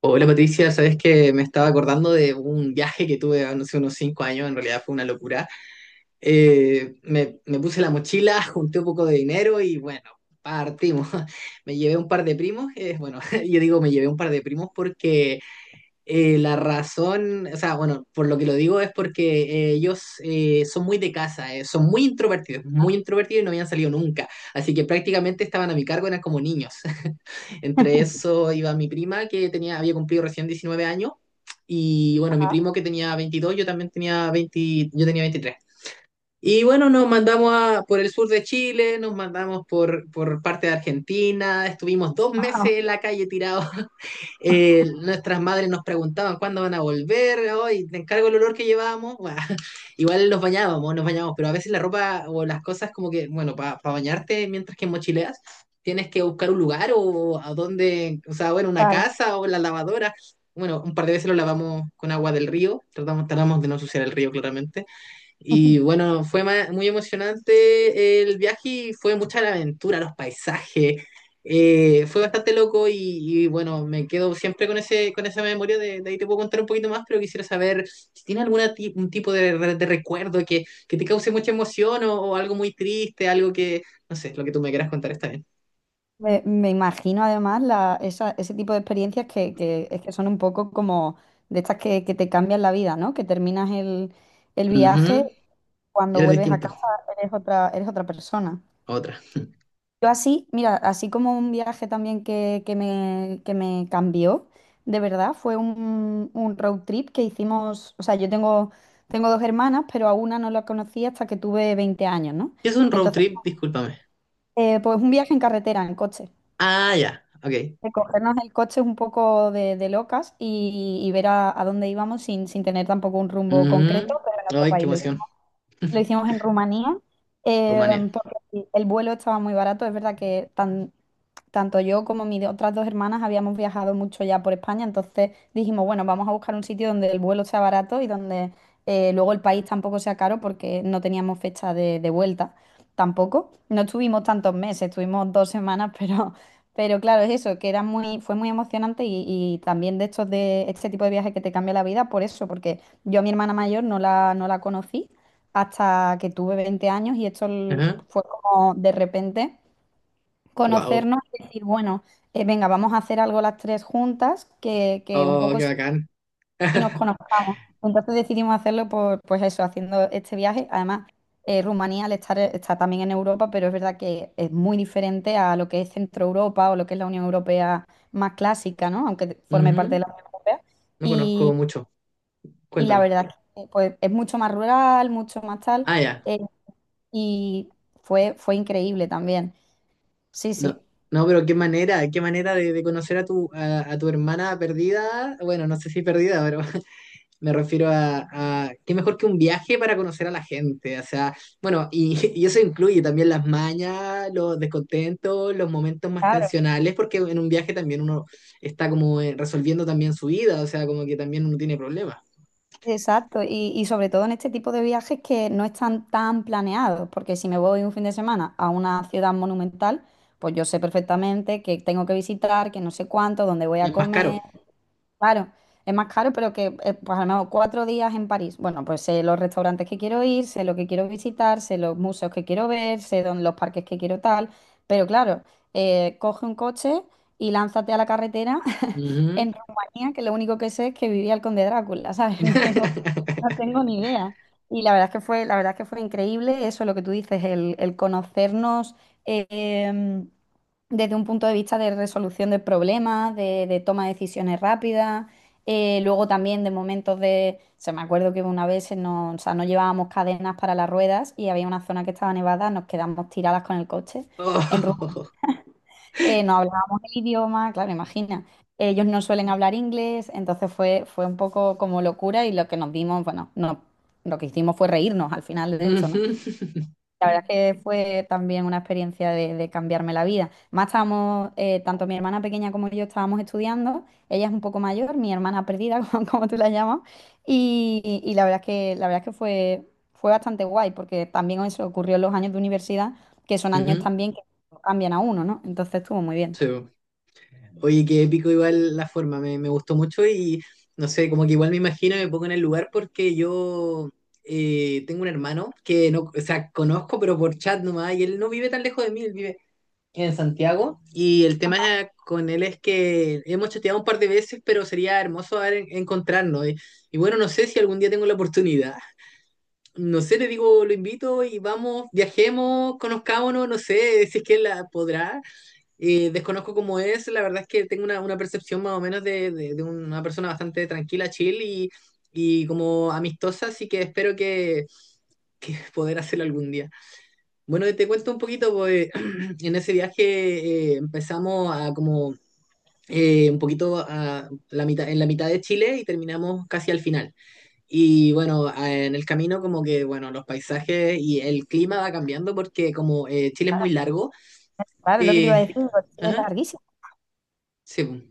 Hola Patricia, sabes que me estaba acordando de un viaje que tuve hace unos cinco años, en realidad fue una locura. Me puse la mochila, junté un poco de dinero y bueno, partimos. Me llevé un par de primos, bueno, yo digo me llevé un par de primos porque la razón, o sea, bueno, por lo que lo digo es porque ellos son muy de casa, son muy introvertidos y no habían salido nunca. Así que prácticamente estaban a mi cargo, eran como niños. Entre eso iba mi prima, que había cumplido recién 19 años, y bueno, mi primo que tenía veintidós, yo también tenía 20, yo tenía veintitrés. Y bueno, nos mandamos por el sur de Chile, nos mandamos por parte de Argentina, estuvimos dos meses en Ah, la calle tirados. Nuestras madres nos preguntaban cuándo van a volver, hoy te encargo el olor que llevábamos. Bueno, igual nos bañábamos, pero a veces la ropa o las cosas como que, bueno, para bañarte mientras que mochileas, tienes que buscar un lugar o a donde o sea, bueno, una claro. casa o la lavadora. Bueno, un par de veces lo lavamos con agua del río, tratamos de no ensuciar el río claramente. Y bueno, fue muy emocionante el viaje y fue mucha la aventura, los paisajes. Fue bastante loco, y bueno, me quedo siempre con ese, con esa memoria. De ahí te puedo contar un poquito más, pero quisiera saber si tiene algún tipo de recuerdo que te cause mucha emoción o algo muy triste, algo que, no sé, lo que tú me quieras contar está bien. Me imagino además la, ese tipo de experiencias que es que son un poco como de estas que te cambian la vida, ¿no? Que terminas el viaje, Ujú. cuando Era vuelves a distinto. casa eres otra persona. Otra. Yo así, mira, así como un viaje también que me cambió, de verdad, fue un road trip que hicimos, o sea, yo tengo dos hermanas, pero a una no la conocí hasta que tuve 20 años, ¿no? ¿Qué es un road Entonces, trip? Discúlpame. Pues un viaje en carretera, en coche. Ah, ya, ok. De cogernos el coche un poco de locas y ver a dónde íbamos sin tener tampoco un rumbo Ujú. concreto, pero en nuestro Ay, qué país. Lo emoción. hicimos, lo hicimos en Rumanía, Rumania. Porque el vuelo estaba muy barato. Es verdad que tanto yo como mis otras dos hermanas habíamos viajado mucho ya por España. Entonces dijimos, bueno, vamos a buscar un sitio donde el vuelo sea barato y donde luego el país tampoco sea caro, porque no teníamos fecha de vuelta tampoco. No estuvimos tantos meses, estuvimos 2 semanas, pero claro, es eso, que fue muy emocionante y también de estos de este tipo de viajes que te cambia la vida por eso, porque yo a mi hermana mayor no la conocí hasta que tuve 20 años, y esto Ajá. fue como de repente Wow. conocernos y decir, bueno, venga, vamos a hacer algo las tres juntas, que un Oh, poco qué bacán. y nos conozcamos. Entonces decidimos hacerlo por, pues eso, haciendo este viaje. Además, Rumanía está también en Europa, pero es verdad que es muy diferente a lo que es Centro Europa, o lo que es la Unión Europea más clásica, ¿no? Aunque forme parte Ujú. de la Unión Europea. No conozco Y, mucho. y la Cuéntame. verdad que pues es mucho más rural, mucho más tal, Ah, ya. eh, y fue increíble también. Sí, No, sí. no, pero qué manera de conocer a tu hermana perdida. Bueno, no sé si perdida, pero me refiero a qué mejor que un viaje para conocer a la gente. O sea, bueno, y, y eso incluye también las mañas, los descontentos, los momentos más tensionales, porque en un viaje también uno está como resolviendo también su vida, o sea, como que también uno tiene problemas. Exacto, y sobre todo en este tipo de viajes que no están tan planeados, porque si me voy un fin de semana a una ciudad monumental, pues yo sé perfectamente que tengo que visitar, que no sé cuánto, dónde voy Y a es más caro. comer. Claro, es más caro, pero que pues a lo mejor 4 días en París. Bueno, pues sé los restaurantes que quiero ir, sé lo que quiero visitar, sé los museos que quiero ver, sé dónde, los parques que quiero tal. Pero claro, coge un coche y lánzate a la carretera. Ujú. En Rumanía, que lo único que sé es que vivía el conde Drácula, ¿sabes? No tengo, no tengo ni idea. Y la verdad es que fue increíble eso, lo que tú dices, el conocernos. eh, Desde un punto de vista de resolución de problemas, de toma de decisiones rápidas, luego también de momentos se me acuerdo que una vez no, o sea, no llevábamos cadenas para las ruedas, y había una zona que estaba nevada. Nos quedamos tiradas con el coche en Roma. Oh. No hablábamos el idioma, claro, imagina. Ellos no suelen hablar inglés. Entonces fue un poco como locura, y lo que nos dimos, bueno, no, lo que hicimos fue reírnos al final de esto, ¿no? Ujú, La verdad es que fue también una experiencia de cambiarme la vida. Más estábamos, tanto mi hermana pequeña como yo estábamos estudiando, ella es un poco mayor, mi hermana perdida, como, como tú la llamas, y la verdad es que fue bastante guay, porque también eso ocurrió en los años de universidad, que son años ujú, también que no cambian a uno, ¿no? Entonces estuvo muy bien. sí, bo. Oye, qué épico igual la forma, me gustó mucho y no sé, como que igual me imagino, me pongo en el lugar porque yo tengo un hermano que no, o sea, conozco, pero por chat nomás, y él no vive tan lejos de mí, él vive en Santiago y el tema con él es que hemos chateado un par de veces, pero sería hermoso encontrarnos. Y bueno, no sé si algún día tengo la oportunidad. No sé, le digo, lo invito y vamos, viajemos, conozcámonos, no sé si es que él la podrá. Desconozco cómo es, la verdad es que tengo una percepción más o menos de una persona bastante tranquila, chill y como amistosa, así que espero que poder hacerlo algún día. Bueno, te cuento un poquito, pues en ese viaje empezamos a como un poquito a la mitad, en la mitad de Chile y terminamos casi al final. Y bueno, en el camino como que, bueno, los paisajes y el clima va cambiando porque como Chile es muy largo. Claro, es lo que te iba a eh, decir, Chile es ajá, larguísimo. sí, pues.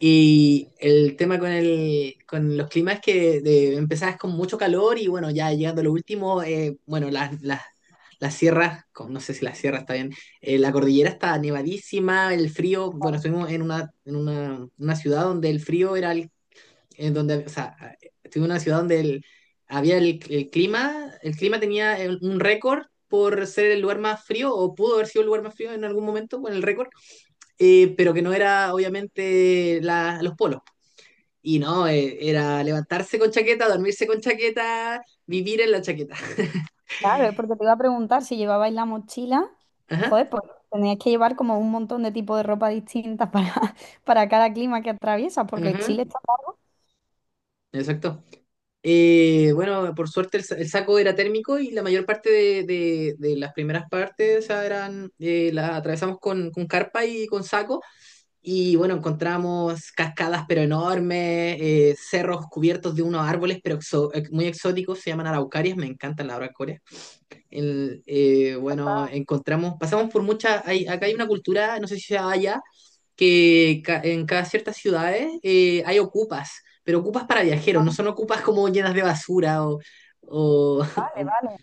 Y el tema con los climas es que empezás con mucho calor y bueno, ya llegando a lo último, bueno, las sierras, no sé si la sierra está bien, la cordillera está nevadísima, el frío, bueno, estuvimos en una, en una ciudad donde el frío era el, en donde, o sea, estuvimos en una ciudad donde había el clima, el clima tenía un récord por ser el lugar más frío, o pudo haber sido el lugar más frío en algún momento con el récord, pero que no era obviamente los polos. Y no, era levantarse con chaqueta, dormirse con chaqueta, vivir en la chaqueta. Claro, porque te iba a preguntar si llevabais la mochila. Ajá, Joder, pues teníais que llevar como un montón de tipos de ropa distintas para, para cada clima que atraviesas, porque ajá, Chile está largo. exacto. Bueno, por suerte el saco era térmico y la mayor parte de las primeras partes, o sea, eran, las atravesamos con carpa y con saco. Y bueno, encontramos cascadas pero enormes, cerros cubiertos de unos árboles pero muy exóticos, se llaman araucarias, me encantan las araucarias bueno, encontramos, pasamos por muchas, acá hay una cultura, no sé si sea allá, que en cada ciertas ciudades hay ocupas, pero ocupas para viajeros, no son ocupas como llenas de basura o, Vale, o- vale.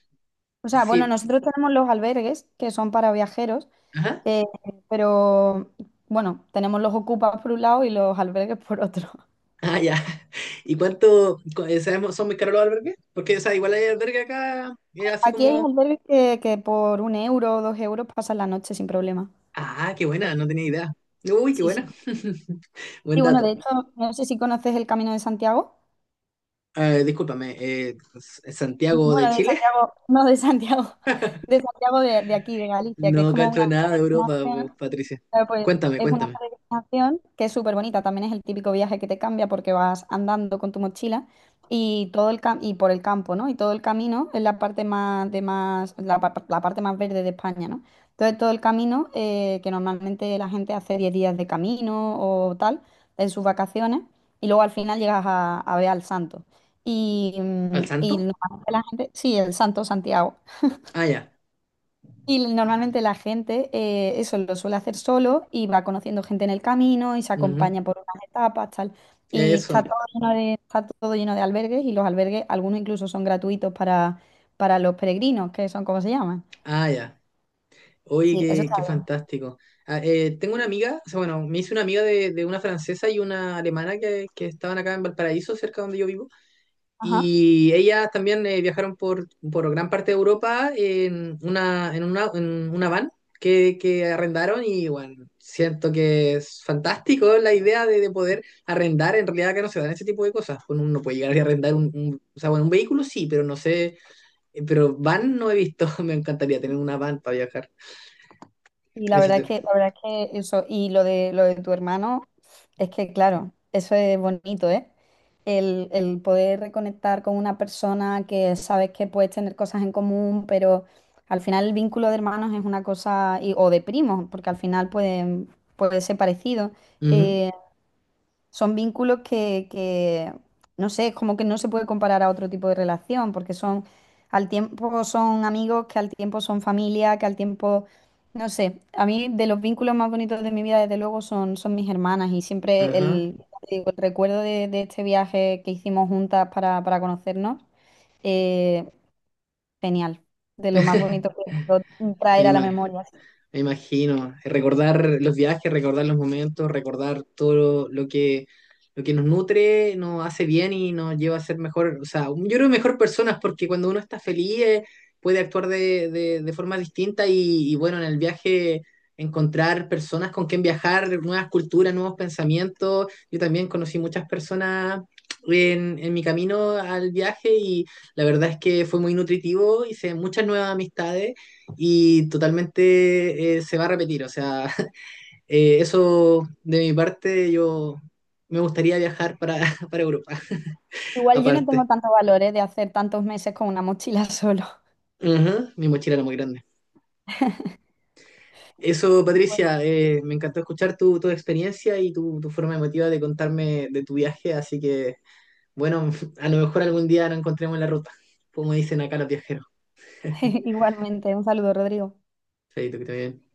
O sea, bueno, sí, nosotros tenemos los albergues, que son para viajeros, ajá, eh, pero bueno, tenemos los ocupas por un lado y los albergues por otro. ah, ya. ¿Y sabemos, son muy caros los albergues? Porque, o sea, igual hay albergue acá, así Aquí hay como, albergues que por 1 euro o 2 euros pasas la noche sin problema. ah, qué buena, no tenía idea. Uy, qué Sí, sí. buena. Buen Y bueno, de dato. hecho, no sé si conoces el Camino de Santiago. Discúlpame, Santiago de Bueno, de Chile. Santiago, no de Santiago, de Santiago de aquí, de Galicia, que es No como una cacho nada de Europa, po, peregrinación. Patricia. Claro, pues Cuéntame, es una cuéntame. peregrinación que es súper bonita. También es el típico viaje que te cambia, porque vas andando con tu mochila y todo el y por el campo, ¿no? Y todo el camino es la parte más de más la, la parte más verde de España, ¿no? Entonces todo el camino que normalmente la gente hace 10 días de camino o tal en sus vacaciones, y luego al final llegas a ver al santo. Y, mm, ¿Al y santo? normalmente la gente, sí, el santo Santiago. Ah, ya. Y normalmente la gente eso lo suele hacer solo y va conociendo gente en el camino y se Ujú. acompaña por unas etapas, tal. Y está Eso. todo lleno de, está todo lleno de albergues, y los albergues, algunos incluso son gratuitos para, los peregrinos, que son como se llaman. Ah, ya. Oye, Sí, eso qué, está qué bien. fantástico. Ah, tengo una amiga, o sea, bueno, me hice una amiga de una francesa y una alemana que estaban acá en Valparaíso, cerca donde yo vivo. Ajá. Y ellas también viajaron por gran parte de Europa en una, en una van que arrendaron y bueno, siento que es fantástico la idea de poder arrendar, en realidad que no se dan ese tipo de cosas, uno no puede llegar a arrendar un, o sea, bueno, un vehículo sí, pero no sé, pero van no he visto, me encantaría tener una van para viajar. Y la Eso verdad te... que, la verdad que eso, y lo de tu hermano, es que claro, eso es bonito, ¿eh? El poder reconectar con una persona que sabes que puedes tener cosas en común, pero al final el vínculo de hermanos es una cosa, o de primos, porque al final puede ser parecido, Ujú. eh, son vínculos que, no sé, es como que no se puede comparar a otro tipo de relación, porque son, al tiempo son amigos, que al tiempo son familia, que al tiempo, no sé, a mí de los vínculos más bonitos de mi vida, desde luego, son mis hermanas, y siempre Ajá. el, te digo, el recuerdo de este viaje que hicimos juntas para, conocernos, eh, genial, de lo más bonito que puedo Me traer a la imagino. memoria. Me imagino. Recordar los viajes, recordar los momentos, recordar todo lo que nos nutre, nos hace bien y nos lleva a ser mejor, o sea, yo creo mejor personas porque cuando uno está feliz puede actuar de forma distinta y bueno, en el viaje encontrar personas con quien viajar, nuevas culturas, nuevos pensamientos. Yo también conocí muchas personas en mi camino al viaje y la verdad es que fue muy nutritivo, hice muchas nuevas amistades y totalmente se va a repetir. O sea, eso de mi parte, yo me gustaría viajar para, para Europa, Igual yo no tengo aparte. tantos valores de hacer tantos meses con una mochila solo. Ujú, mi mochila era muy grande. Eso, Patricia, me encantó escuchar tu experiencia y tu forma emotiva de contarme de tu viaje, así que, bueno, a lo mejor algún día nos encontremos en la ruta, como dicen acá los viajeros. Igualmente, un saludo, Rodrigo. Chaito, que esté bien.